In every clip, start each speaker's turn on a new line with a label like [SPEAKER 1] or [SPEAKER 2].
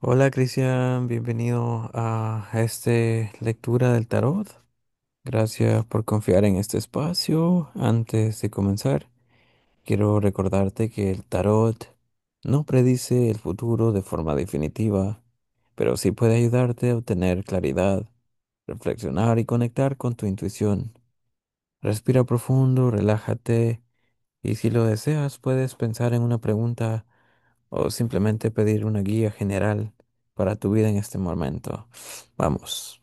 [SPEAKER 1] Hola, Cristian, bienvenido a esta lectura del tarot. Gracias por confiar en este espacio. Antes de comenzar, quiero recordarte que el tarot no predice el futuro de forma definitiva, pero sí puede ayudarte a obtener claridad, reflexionar y conectar con tu intuición. Respira profundo, relájate y si lo deseas, puedes pensar en una pregunta o simplemente pedir una guía general para tu vida en este momento. Vamos.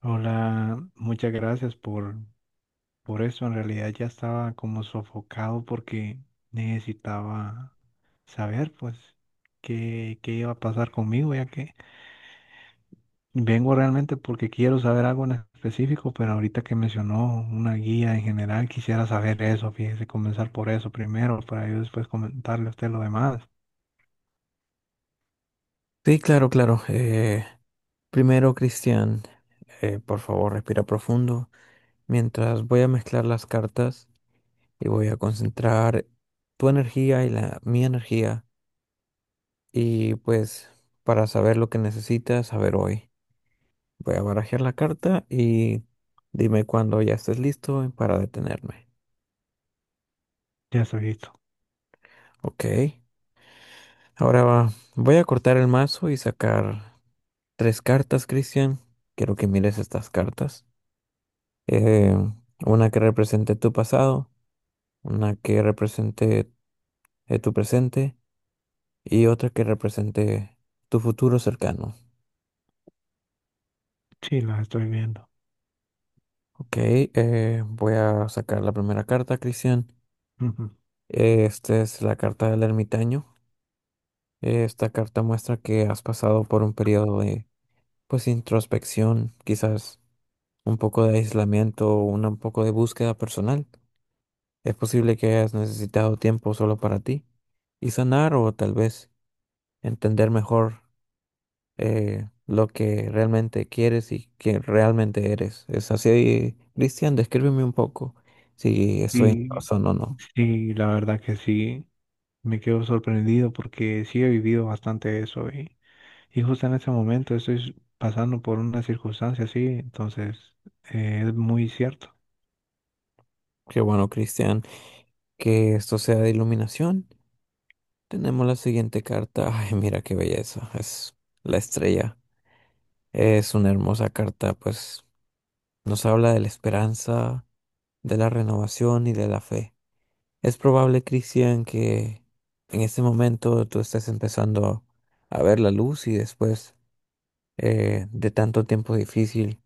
[SPEAKER 2] Hola, muchas gracias por eso. En realidad ya estaba como sofocado porque necesitaba saber, pues, qué iba a pasar conmigo, ya que vengo realmente porque quiero saber algo en específico, pero ahorita que mencionó una guía en general, quisiera saber eso, fíjese, comenzar por eso primero, para yo después comentarle a usted lo demás.
[SPEAKER 1] Sí, claro, claro. Primero, Cristian, por favor, respira profundo mientras voy a mezclar las cartas y voy a concentrar tu energía y la mi energía. Y pues, para saber lo que necesitas saber hoy, voy a barajar la carta y dime cuando ya estés listo para detenerme.
[SPEAKER 2] Ya estoy listo.
[SPEAKER 1] Ok. Voy a cortar el mazo y sacar tres cartas, Cristian. Quiero que mires estas cartas. Eh, una que represente tu pasado, una que represente tu presente y otra que represente tu futuro cercano.
[SPEAKER 2] Sí, las estoy viendo.
[SPEAKER 1] Ok, voy a sacar la primera carta, Cristian.
[SPEAKER 2] Ujú.
[SPEAKER 1] Esta es la carta del ermitaño. Esta carta muestra que has pasado por un periodo de, pues, introspección, quizás un poco de aislamiento, un poco de búsqueda personal. Es posible que hayas necesitado tiempo solo para ti y sanar o tal vez entender mejor lo que realmente quieres y que realmente eres. Es así, Cristian, descríbeme un poco si estoy en
[SPEAKER 2] Y
[SPEAKER 1] razón o no.
[SPEAKER 2] sí, la verdad que sí. Me quedo sorprendido porque sí he vivido bastante eso y justo en ese momento estoy pasando por una circunstancia así, entonces es muy cierto.
[SPEAKER 1] Qué bueno, Cristian, que esto sea de iluminación. Tenemos la siguiente carta. Ay, mira qué belleza. Es la estrella. Es una hermosa carta, pues nos habla de la esperanza, de la renovación y de la fe. Es probable, Cristian, que en este momento tú estés empezando a ver la luz y después de tanto tiempo difícil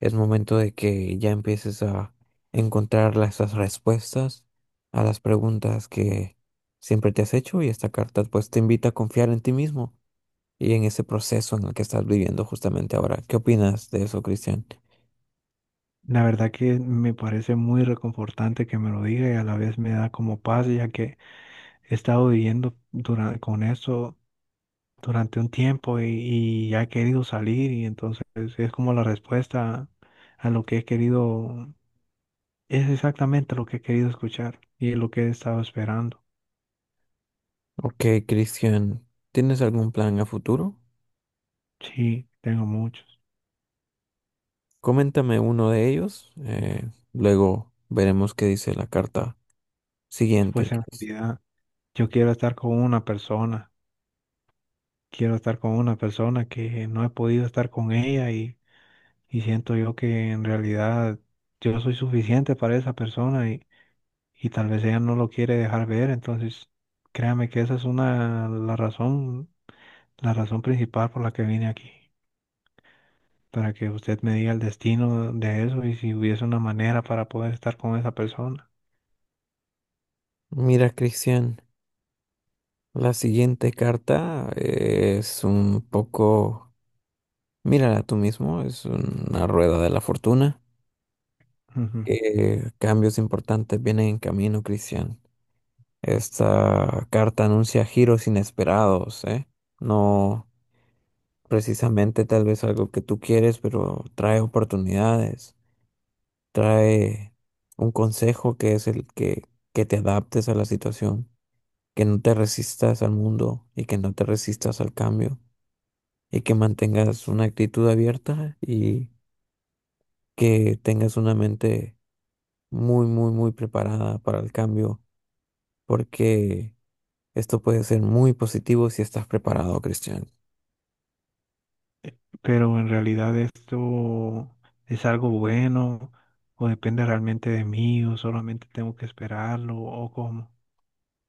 [SPEAKER 1] es momento de que ya empieces a encontrar esas respuestas a las preguntas que siempre te has hecho, y esta carta pues te invita a confiar en ti mismo y en ese proceso en el que estás viviendo justamente ahora. ¿Qué opinas de eso, Cristian?
[SPEAKER 2] La verdad que me parece muy reconfortante que me lo diga y a la vez me da como paz ya que he estado con eso durante un tiempo y ya he querido salir y entonces es como la respuesta a lo que he querido, es exactamente lo que he querido escuchar y es lo que he estado esperando.
[SPEAKER 1] Ok, Cristian, ¿tienes algún plan a futuro?
[SPEAKER 2] Sí, tengo muchos.
[SPEAKER 1] Coméntame uno de ellos, luego veremos qué dice la carta
[SPEAKER 2] Después
[SPEAKER 1] siguiente.
[SPEAKER 2] se me olvida, yo quiero estar con una persona, quiero estar con una persona que no he podido estar con ella, y siento yo que en realidad yo soy suficiente para esa persona, y tal vez ella no lo quiere dejar ver, entonces créame que esa es una, la razón principal por la que vine aquí, para que usted me diga el destino de eso y si hubiese una manera para poder estar con esa persona.
[SPEAKER 1] Mira, Cristian, la siguiente carta es un poco, mírala tú mismo, es una rueda de la fortuna.
[SPEAKER 2] Ujú.
[SPEAKER 1] Que cambios importantes vienen en camino, Cristian. Esta carta anuncia giros inesperados, ¿eh? No precisamente tal vez algo que tú quieres, pero trae oportunidades. Trae un consejo que es que te adaptes a la situación, que no te resistas al mundo y que no te resistas al cambio y que mantengas una actitud abierta y que tengas una mente muy, muy, muy preparada para el cambio, porque esto puede ser muy positivo si estás preparado, Cristian.
[SPEAKER 2] Pero en realidad, ¿esto es algo bueno o depende realmente de mí o solamente tengo que esperarlo o cómo?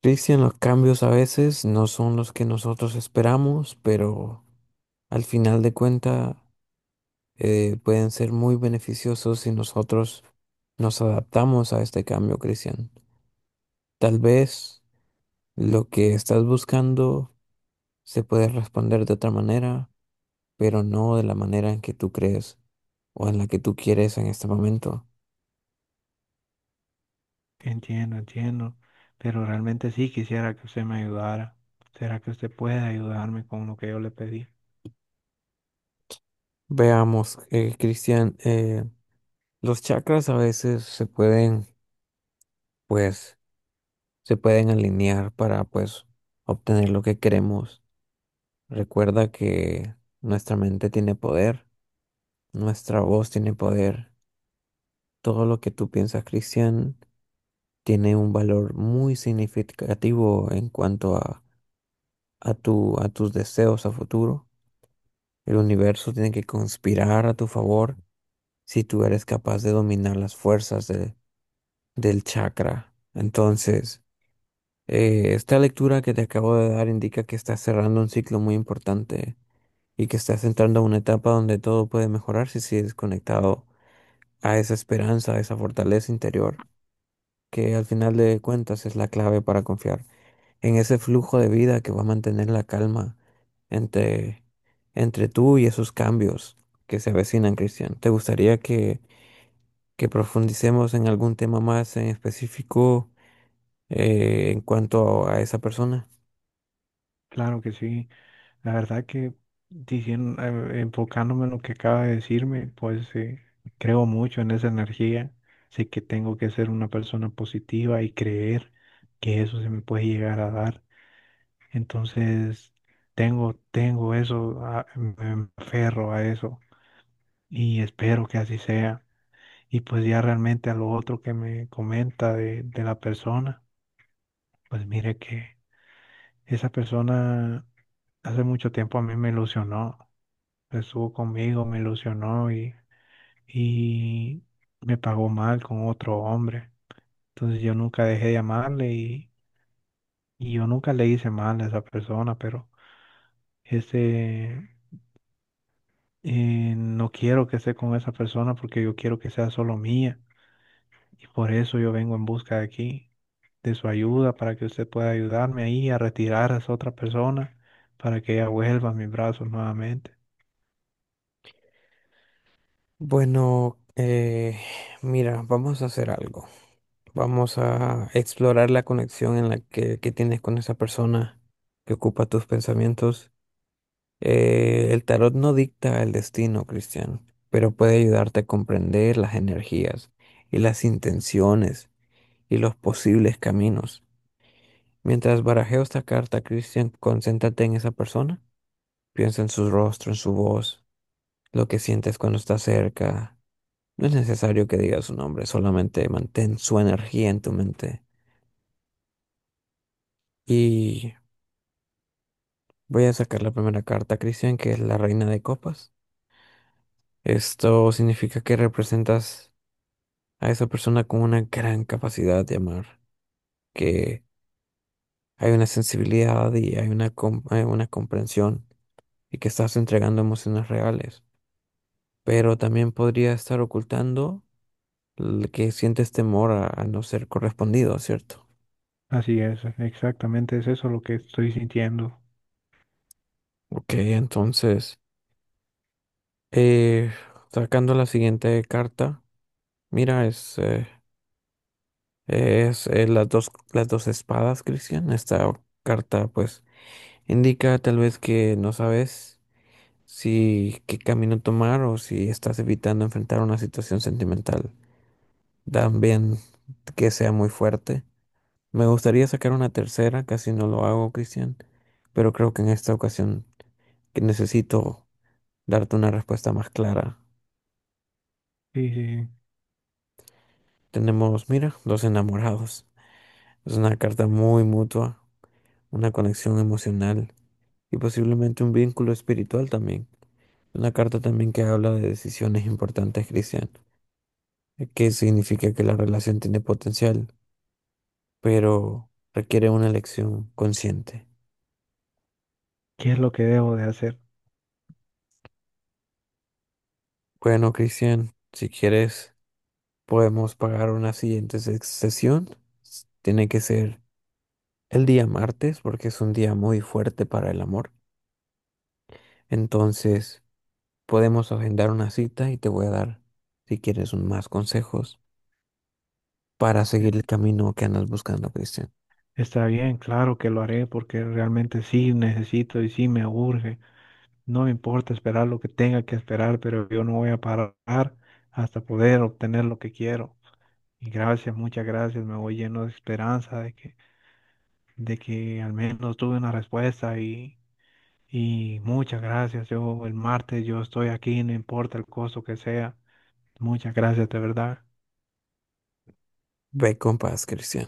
[SPEAKER 1] Cristian, los cambios a veces no son los que nosotros esperamos, pero al final de cuentas pueden ser muy beneficiosos si nosotros nos adaptamos a este cambio, Cristian. Tal vez lo que estás buscando se puede responder de otra manera, pero no de la manera en que tú crees o en la que tú quieres en este momento.
[SPEAKER 2] Entiendo, entiendo, pero realmente sí quisiera que usted me ayudara. ¿Será que usted puede ayudarme con lo que yo le pedí?
[SPEAKER 1] Veamos, Cristian, los chakras a veces pues, se pueden alinear para, pues, obtener lo que queremos. Recuerda que nuestra mente tiene poder. Nuestra voz tiene poder. Todo lo que tú piensas, Cristian, tiene un valor muy significativo en cuanto a tus deseos a futuro. El universo tiene que conspirar a tu favor si tú eres capaz de dominar las fuerzas del chakra. Entonces, esta lectura que te acabo de dar indica que estás cerrando un ciclo muy importante y que estás entrando a una etapa donde todo puede mejorar si sigues conectado a esa esperanza, a esa fortaleza interior, que al final de cuentas es la clave para confiar en ese flujo de vida que va a mantener la calma entre, entre tú y esos cambios que se avecinan, Cristian. ¿Te gustaría que profundicemos en algún tema más en específico en cuanto a esa persona?
[SPEAKER 2] Claro que sí. La verdad que enfocándome en lo que acaba de decirme, pues, creo mucho en esa energía. Sé que tengo que ser una persona positiva y creer que eso se me puede llegar a dar. Entonces, tengo eso, me aferro a eso y espero que así sea. Y pues ya realmente a lo otro que me comenta de la persona, pues mire que esa persona hace mucho tiempo a mí me ilusionó. Estuvo conmigo, me ilusionó, y me pagó mal con otro hombre. Entonces yo nunca dejé de amarle, y yo nunca le hice mal a esa persona, pero ese no quiero que esté con esa persona porque yo quiero que sea solo mía y por eso yo vengo en busca de aquí, de su ayuda para que usted pueda ayudarme ahí a retirar a esa otra persona para que ella vuelva a mis brazos nuevamente.
[SPEAKER 1] Bueno, mira, vamos a hacer algo. Vamos a explorar la conexión que tienes con esa persona que ocupa tus pensamientos. El tarot no dicta el destino, Cristian, pero puede ayudarte a comprender las energías y las intenciones y los posibles caminos. Mientras barajeo esta carta, Cristian, concéntrate en esa persona. Piensa en su rostro, en su voz, lo que sientes cuando está cerca. No es necesario que digas su nombre, solamente mantén su energía en tu mente. Y voy a sacar la primera carta, Cristian, que es la Reina de Copas. Esto significa que representas a esa persona con una gran capacidad de amar, que hay una sensibilidad y hay hay una comprensión y que estás entregando emociones reales, pero también podría estar ocultando el que sientes temor a no ser correspondido, ¿cierto?
[SPEAKER 2] Así es, exactamente es eso lo que estoy sintiendo.
[SPEAKER 1] Ok, entonces, eh, sacando la siguiente carta, mira, es las dos espadas, Cristian, esta carta pues indica tal vez que no sabes si qué camino tomar o si estás evitando enfrentar una situación sentimental. También que sea muy fuerte. Me gustaría sacar una tercera, casi no lo hago, Cristian, pero creo que en esta ocasión que necesito darte una respuesta más clara.
[SPEAKER 2] Sí, sí.
[SPEAKER 1] Tenemos, mira, dos enamorados. Es una carta muy mutua, una conexión emocional y posiblemente un vínculo espiritual también. Una carta también que habla de decisiones importantes, Cristian, que significa que la relación tiene potencial, pero requiere una elección consciente.
[SPEAKER 2] ¿Qué es lo que debo de hacer?
[SPEAKER 1] Bueno, Cristian, si quieres, podemos pagar una siguiente sesión. Tiene que ser el día martes porque es un día muy fuerte para el amor. Entonces, podemos agendar una cita y te voy a dar, si quieres, más consejos para seguir el camino que andas buscando, Cristian.
[SPEAKER 2] Está bien, claro que lo haré porque realmente sí necesito y sí me urge. No me importa esperar lo que tenga que esperar, pero yo no voy a parar hasta poder obtener lo que quiero. Y gracias, muchas gracias. Me voy lleno de esperanza de que al menos tuve una respuesta y muchas gracias. Yo el martes yo estoy aquí, no importa el costo que sea. Muchas gracias, de verdad.
[SPEAKER 1] Ve con paz, Cristian.